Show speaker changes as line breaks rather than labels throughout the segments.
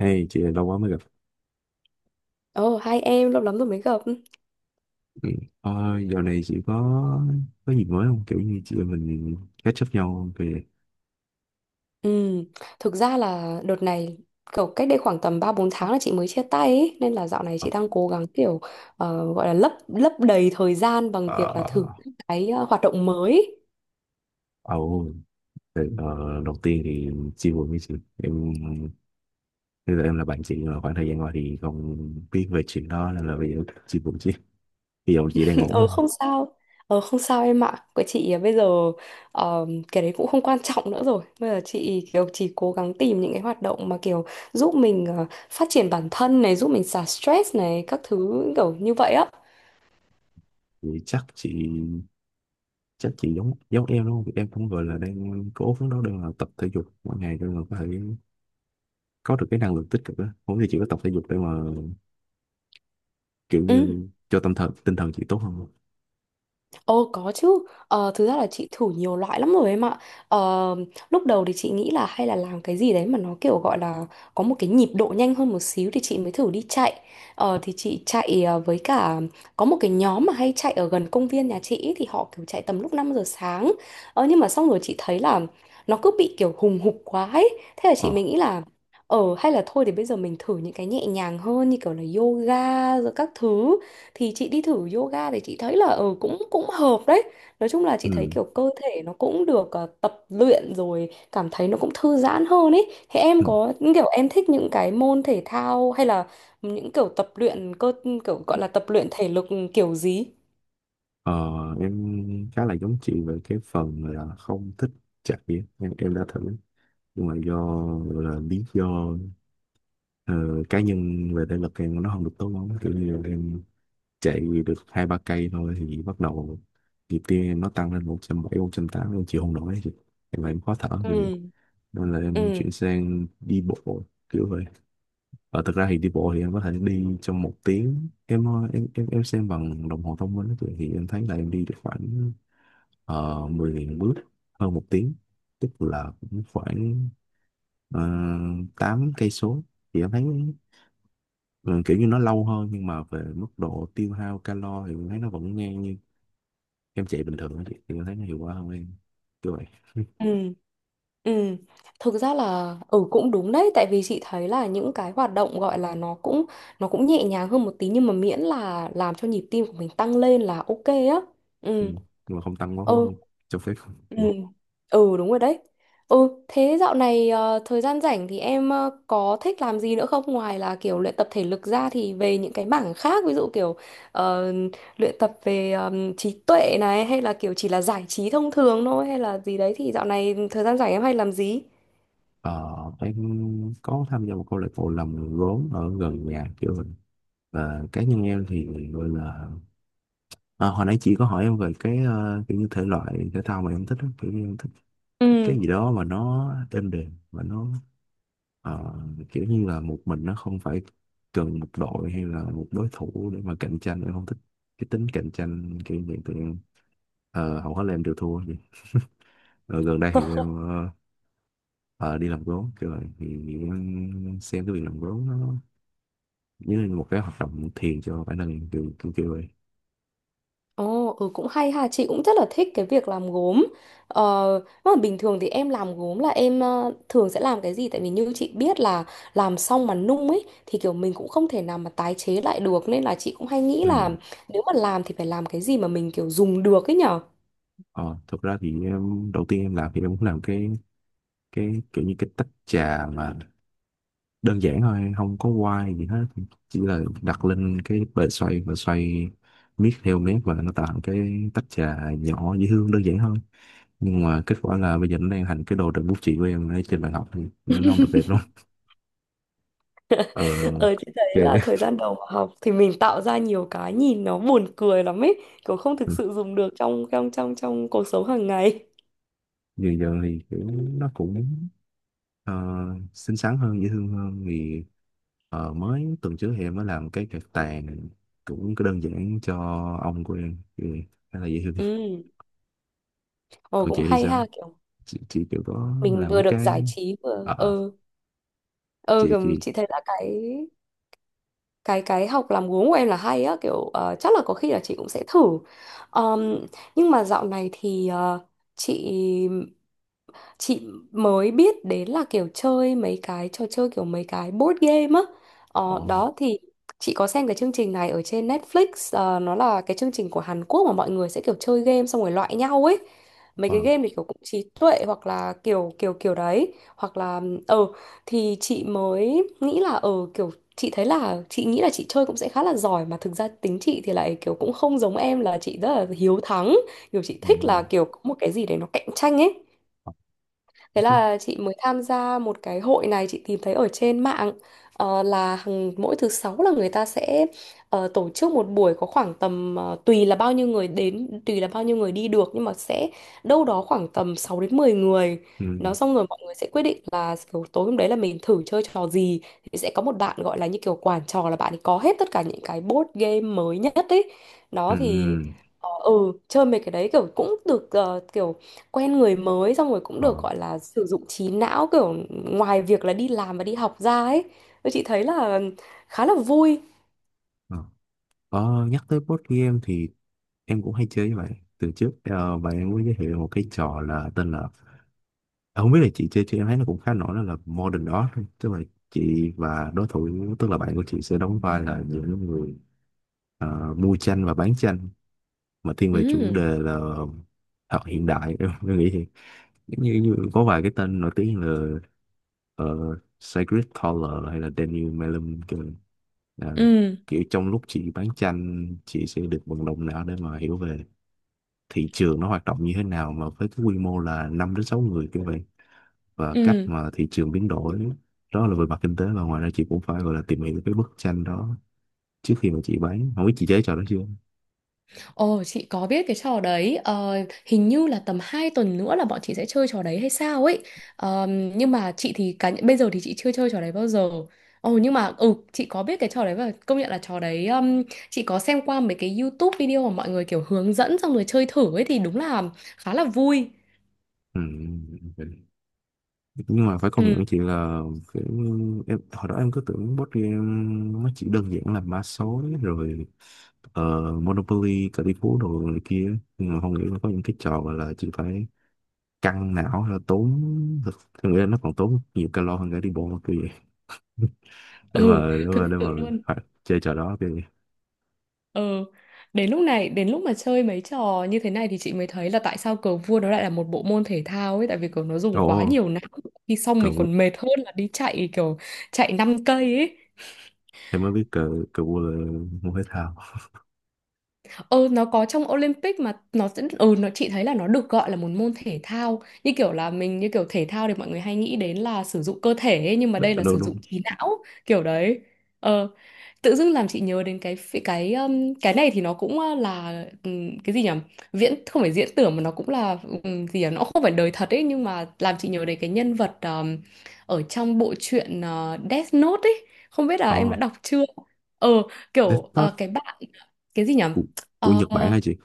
Hey, chị lâu quá mới gặp.
Ồ, hai em lâu lắm rồi mới gặp.
Ừ. Ờ, dạo này chị có gì mới không? Kiểu như chị em mình catch up nhau không? Kìa.
Ừ, thực ra là đợt này kiểu cách đây khoảng tầm 3-4 tháng là chị mới chia tay ấy, nên là dạo này
Ờ.
chị đang cố gắng kiểu gọi là lấp lấp đầy thời gian bằng việc là thử
Ờ.
những cái hoạt động mới.
Ờ. Đầu tiên thì chia buồn với chị. Em bây giờ em là bạn chị nhưng mà khoảng thời gian qua thì không biết về chuyện đó, nên là bây giờ chia buồn chị. Bây giờ chị đang ổn
Ờ
không?
không sao. Ờ không sao em ạ. Của chị bây giờ ờ, cái đấy cũng không quan trọng nữa rồi. Bây giờ chị kiểu chỉ cố gắng tìm những cái hoạt động mà kiểu giúp mình phát triển bản thân này, giúp mình xả stress này, các thứ kiểu như vậy á.
Thì chắc chị giống giống em đúng không? Em cũng gọi là đang cố phấn đấu để mà tập thể dục mỗi ngày để mà có thể có được cái năng lượng tích cực đó. Không thì chị có tập thể dục để mà kiểu
Ừ.
như cho tâm thần tinh thần chị tốt hơn không?
Ồ có chứ, thực ra là chị thử nhiều loại lắm rồi em ạ. ờ, Lúc đầu thì chị nghĩ là hay là làm cái gì đấy mà nó kiểu gọi là có một cái nhịp độ nhanh hơn một xíu thì chị mới thử đi chạy. Thì chị chạy với cả có một cái nhóm mà hay chạy ở gần công viên nhà chị ý, thì họ kiểu chạy tầm lúc 5 giờ sáng. Nhưng mà xong rồi chị thấy là nó cứ bị kiểu hùng hục quá ấy. Thế là
Ờ.
chị mình nghĩ là hay là thôi thì bây giờ mình thử những cái nhẹ nhàng hơn, như kiểu là yoga rồi các thứ, thì chị đi thử yoga thì chị thấy là ừ cũng cũng hợp đấy. Nói chung là chị
Ừ,
thấy kiểu cơ thể nó cũng được tập luyện rồi cảm thấy nó cũng thư giãn hơn ấy. Thế
ừ.
em có những kiểu em thích những cái môn thể thao hay là những kiểu tập luyện cơ, kiểu gọi là tập luyện thể lực kiểu gì?
ờ em khá là giống chị về cái phần là không thích chạy ấy. Em đã thử, nhưng mà do là lý do ờ, cá nhân về thể lực em nó không được tốt lắm, kiểu như là em chạy được hai ba cây thôi thì bắt đầu nhịp tim em nó tăng lên 170, 180, em chịu không nổi, thì em khó thở kiểu vậy.
Ừ,
Nên là em
ừ,
chuyển sang đi bộ kiểu vậy. Và thực ra thì đi bộ thì em có thể đi trong một tiếng, em xem bằng đồng hồ thông minh á, thì em thấy là em đi được khoảng 10.000 bước hơn một tiếng, tức là cũng khoảng uh, 8 cây số, thì em thấy, ừ, kiểu như nó lâu hơn nhưng mà về mức độ tiêu hao calo thì em thấy nó vẫn ngang như em chạy bình thường á chị. Thì em thấy nó hiệu quả hơn em kiểu vậy.
ừ, ừ, thực ra là ừ cũng đúng đấy, tại vì chị thấy là những cái hoạt động gọi là nó cũng nhẹ nhàng hơn một tí, nhưng mà miễn là làm cho nhịp tim của mình tăng lên là ok á.
Ừ.
Ừ,
Nhưng mà không tăng quá
ừ.
cho phép.
Ừ. Ừ đúng rồi đấy. Ừ, thế dạo này thời gian rảnh thì em có thích làm gì nữa không, ngoài là kiểu luyện tập thể lực ra thì về những cái mảng khác, ví dụ kiểu ờ, luyện tập về trí tuệ này, hay là kiểu chỉ là giải trí thông thường thôi, hay là gì đấy, thì dạo này thời gian rảnh em hay làm gì?
Ờ, em có tham gia một câu lạc bộ làm gốm ở gần nhà kiểu vậy, và cá nhân em thì gọi là, à, hồi nãy chị có hỏi em về cái kiểu như thể loại thể thao mà em thích á. Kiểu như em thích
Ừ.
cái gì đó mà nó êm đềm và nó, ờ, kiểu như là một mình, nó không phải cần một đội hay là một đối thủ để mà cạnh tranh, em không thích cái tính cạnh tranh kiểu như vậy tụi em. Ờ, hầu hết là em đều thua vậy. Ờ, gần đây thì em, ờ, đi làm gốm kiểu vậy, thì em xem cái việc làm gốm nó như là một cái hoạt động thiền cho bản thân em, kiểu kiểu, kiểu vậy.
Ồ, ừ cũng hay ha, chị cũng rất là thích cái việc làm gốm. Ờ, mà bình thường thì em làm gốm là em thường sẽ làm cái gì? Tại vì như chị biết là làm xong mà nung ấy thì kiểu mình cũng không thể nào mà tái chế lại được, nên là chị cũng hay nghĩ là
Ừ.
nếu mà làm thì phải làm cái gì mà mình kiểu dùng được ấy nhở.
Ờ, thực ra thì em, đầu tiên em làm thì em cũng làm cái kiểu như cái tách trà mà đơn giản thôi, không có quay gì hết, chỉ là đặt lên cái bề xoay và xoay miết theo mép, và nó tạo cái tách trà nhỏ dễ thương đơn giản thôi, nhưng mà kết quả là bây giờ nó đang thành cái đồ đựng bút chì của em ở trên bàn học, thì nó không được đẹp lắm. ờ
Ờ chị
ok.
thấy là thời gian đầu mà học thì mình tạo ra nhiều cái nhìn nó buồn cười lắm ấy, kiểu không thực
Ừ,
sự dùng được trong trong trong trong cuộc sống hàng ngày.
giờ giờ thì kiểu nó cũng, ờ, xinh xắn hơn dễ thương hơn, thì mới tuần trước thì em mới làm cái cạc tàn cũng có đơn giản cho ông của em, thì khá là dễ thương.
Ừ, ồ
Còn chị
cũng
thì
hay
sao?
ha, kiểu
Chị kiểu có
mình
làm
vừa
mấy
được
cái.
giải trí vừa
Ờ.
ừ. Ừ,
chị
kiểu
chị
chị thấy là cái học làm gốm của em là hay á, kiểu chắc là có khi là chị cũng sẽ thử. Ờm, nhưng mà dạo này thì chị chị mới biết đến là kiểu chơi mấy cái trò chơi, kiểu mấy cái board game á.
Ờ.
Đó thì chị có xem cái chương trình này ở trên Netflix. Nó là cái chương trình của Hàn Quốc mà mọi người sẽ kiểu chơi game xong rồi loại nhau ấy. Mấy
Ờ.
cái game thì kiểu cũng trí tuệ, hoặc là kiểu kiểu kiểu đấy, hoặc là ờ thì chị mới nghĩ là kiểu chị thấy là chị nghĩ là chị chơi cũng sẽ khá là giỏi, mà thực ra tính chị thì lại kiểu cũng không giống em, là chị rất là hiếu thắng, kiểu chị
Ừ,
thích
ừ.
là kiểu có một cái gì đấy nó cạnh tranh ấy.
Ờ.
Thế
Ok.
là chị mới tham gia một cái hội này chị tìm thấy ở trên mạng. Là mỗi thứ sáu là người ta sẽ tổ chức một buổi, có khoảng tầm tùy là bao nhiêu người đến, tùy là bao nhiêu người đi được, nhưng mà sẽ đâu đó khoảng tầm 6 đến 10 người.
Ừ.
Nó xong rồi mọi người sẽ quyết định là kiểu tối hôm đấy là mình thử chơi trò gì, thì sẽ có một bạn gọi là như kiểu quản trò, là bạn ấy có hết tất cả những cái board game mới nhất ấy,
Ừ.
nó thì
Ừ.
ờ, ừ chơi mấy cái đấy kiểu cũng được, kiểu quen người mới, xong rồi cũng
Ờ.
được gọi là sử dụng trí não, kiểu ngoài việc là đi làm và đi học ra ấy. Tôi chị thấy là khá là vui.
Ờ. Ờ, nhắc tới board game thì em cũng hay chơi với bạn từ trước, bạn em mới giới thiệu một cái trò là tên là... Ờ, không biết là chị chơi, chị em thấy nó cũng khá nổi đó, là Modern đó. Tức là chị và đối thủ, tức là bạn của chị, sẽ đóng vai là những người mua tranh và bán tranh, mà thiên về chủ
Ừ,
đề là học hiện đại. Em nghĩ thì giống như, như có vài cái tên nổi tiếng là, Sigrid Thaler hay là Daniel Melem kìa. Là
ừ,
kiểu trong lúc chị bán tranh, chị sẽ được vận động não để mà hiểu về thị trường nó hoạt động như thế nào, mà với cái quy mô là 5 đến 6 người kiểu vậy, và cách
ừ.
mà thị trường biến đổi. Đó là về mặt kinh tế, và ngoài ra chị cũng phải gọi là tìm hiểu cái bức tranh đó trước khi mà chị bán. Không biết chị chế trò đó chưa?
Ồ, chị có biết cái trò đấy. Ờ, hình như là tầm 2 tuần nữa là bọn chị sẽ chơi trò đấy hay sao ấy. Ờ, nhưng mà chị thì cá bây giờ thì chị chưa chơi trò đấy bao giờ. Ồ, nhưng mà ừ, chị có biết cái trò đấy, và công nhận là trò đấy chị có xem qua mấy cái YouTube video mà mọi người kiểu hướng dẫn xong rồi chơi thử ấy, thì đúng là khá là vui.
Ừ. Nhưng mà phải công nhận với chị là, kiểu, em, hồi đó em cứ tưởng board game nó chỉ đơn giản là mã số rồi, Monopoly cờ tỷ phú đồ này kia, nhưng mà không nghĩ là có những cái trò gọi là chị phải căng não là tốn thực, em nghĩ là nó còn tốn nhiều calo hơn cả đi bộ kia để
Ừ,
mà để
thực
mà để mà
sự luôn.
phải chơi trò đó kìa.
Ừ, đến lúc này, đến lúc mà chơi mấy trò như thế này thì chị mới thấy là tại sao cờ vua nó lại là một bộ môn thể thao ấy, tại vì kiểu nó dùng
Ồ,
quá nhiều não. Khi xong
cờ
mình
vua.
còn mệt hơn là đi chạy, kiểu chạy 5 cây ấy.
Em mới biết cờ cờ vua là môn thể thao.
Ờ, nó có trong Olympic, mà nó sẽ nó chị thấy là nó được gọi là một môn thể thao, như kiểu là mình, như kiểu thể thao thì mọi người hay nghĩ đến là sử dụng cơ thể ấy, nhưng mà
Đâu
đây là
đâu
sử
đâu.
dụng trí não kiểu đấy. Ờ, tự dưng làm chị nhớ đến cái này thì nó cũng là cái gì nhỉ? Viễn không phải diễn tưởng, mà nó cũng là gì nhỉ? Nó không phải đời thật ấy, nhưng mà làm chị nhớ đến cái nhân vật ở trong bộ truyện Death Note ấy. Không biết là
Ồ,
em đã đọc chưa? Ờ, kiểu
Death Note.
cái bạn cái gì nhỉ?
Của, của
Ờ,
Nhật Bản hả chị?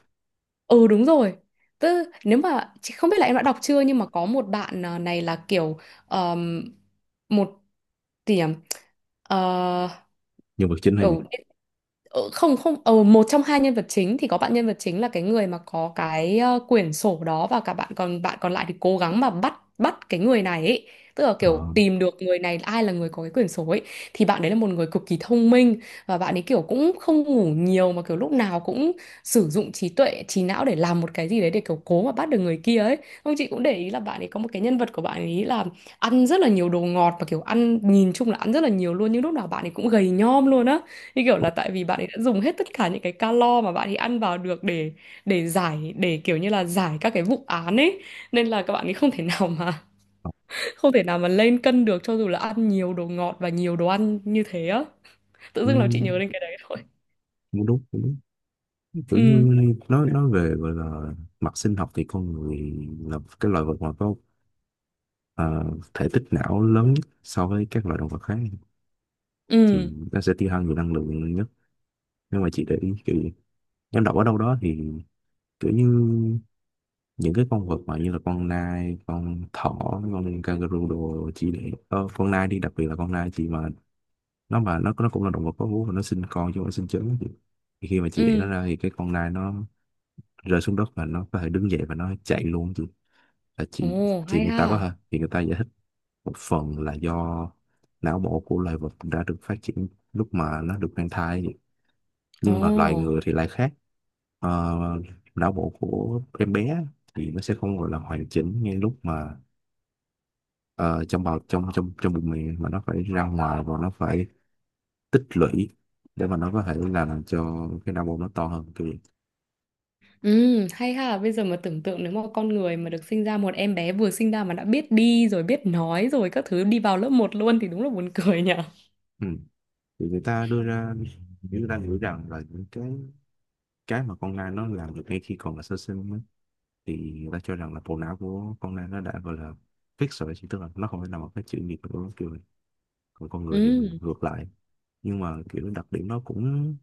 ừ đúng rồi. Tức nếu mà chị không biết là em đã đọc chưa, nhưng mà có một bạn này là kiểu ờm, một gì nhỉ? Ờ,
Nhân vật chính hả chị?
kiểu không không một trong hai nhân vật chính, thì có bạn nhân vật chính là cái người mà có cái quyển sổ đó, và cả bạn còn lại thì cố gắng mà bắt bắt cái người này ấy. Tức là kiểu
Ờ.
tìm được người này, ai là người có cái quyển sổ ấy, thì bạn đấy là một người cực kỳ thông minh, và bạn ấy kiểu cũng không ngủ nhiều, mà kiểu lúc nào cũng sử dụng trí tuệ, trí não để làm một cái gì đấy, để kiểu cố mà bắt được người kia ấy. Không, chị cũng để ý là bạn ấy có một cái nhân vật của bạn ấy là ăn rất là nhiều đồ ngọt, và kiểu ăn nhìn chung là ăn rất là nhiều luôn, nhưng lúc nào bạn ấy cũng gầy nhom luôn á, như kiểu là tại vì bạn ấy đã dùng hết tất cả những cái calo mà bạn ấy ăn vào được để giải kiểu như là giải các cái vụ án ấy, nên là các bạn ấy không thể nào mà không thể nào mà lên cân được, cho dù là ăn nhiều đồ ngọt và nhiều đồ ăn như thế á. Tự
Ừ,
dưng làm chị nhớ đến cái đấy thôi.
cũng đúng cũng đúng. Kiểu như
Ừ,
nói về gọi là mặt sinh học thì con người là cái loài vật mà có, à, thể tích não lớn nhất so với các loài động vật khác, thì
ừ,
nó sẽ tiêu hao nhiều năng lượng nhất. Nhưng mà chị để ý kiểu gì. Em đọc ở đâu đó thì kiểu như những cái con vật mà như là con nai, con thỏ, con kangaroo đồ, chỉ để, con nai đi, đặc biệt là con nai chị, mà nó cũng là động vật có vú và nó sinh con chứ không phải sinh trứng chị. Thì khi mà chị để nó
ừ.
ra thì cái con nai nó rơi xuống đất và nó có thể đứng dậy và nó chạy luôn chị, là chị
Ồ
thì
hay
người
ha.
ta có thể thì người ta giải thích một phần là do não bộ của loài vật đã được phát triển lúc mà nó được mang thai, nhưng mà loài
Ồ.
người thì lại khác. Ờ, não bộ của em bé thì nó sẽ không gọi là hoàn chỉnh ngay lúc mà, ờ, trong bào trong trong trong bụng miệng, mà nó phải ra ngoài và nó phải tích lũy để mà nó có thể là làm cho cái não bộ nó to hơn kiểu vậy.
Ừ, hay ha, bây giờ mà tưởng tượng nếu mà con người mà được sinh ra một em bé vừa sinh ra mà đã biết đi rồi biết nói rồi các thứ, đi vào lớp một luôn, thì đúng là buồn cười nhỉ.
Ừ. thì người ta đưa ra Người ta nghĩ rằng là những cái mà con nai nó làm được ngay khi còn là sơ sinh ấy, thì người ta cho rằng là bộ não của con nai nó đã gọi là fix rồi chỉ, tức là nó không phải là một cái chữ nghiệp của nó kiểu này. Còn con người thì
Ừ,
ngược lại, nhưng mà kiểu đặc điểm nó cũng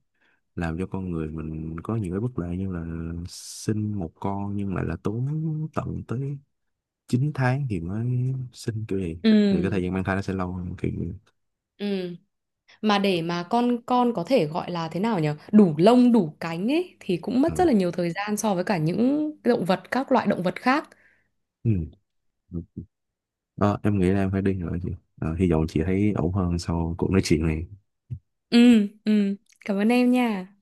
làm cho con người mình có nhiều cái bất lợi, như là sinh một con nhưng lại là tốn tận tới 9 tháng thì mới sinh kiểu gì. Thì cái thời
ừ,
gian mang thai nó sẽ lâu hơn kiểu như-
ừ. Mà để mà con có thể gọi là thế nào nhỉ? Đủ lông, đủ cánh ấy thì cũng
Ừ.
mất rất là nhiều thời gian so với cả những động vật, các loại động vật khác.
Ừ. Ờ, em nghĩ là em phải đi rồi chị. Ờ, hy vọng chị thấy ổn hơn sau cuộc nói chuyện này.
Ừ, ừ. Cảm ơn em nha.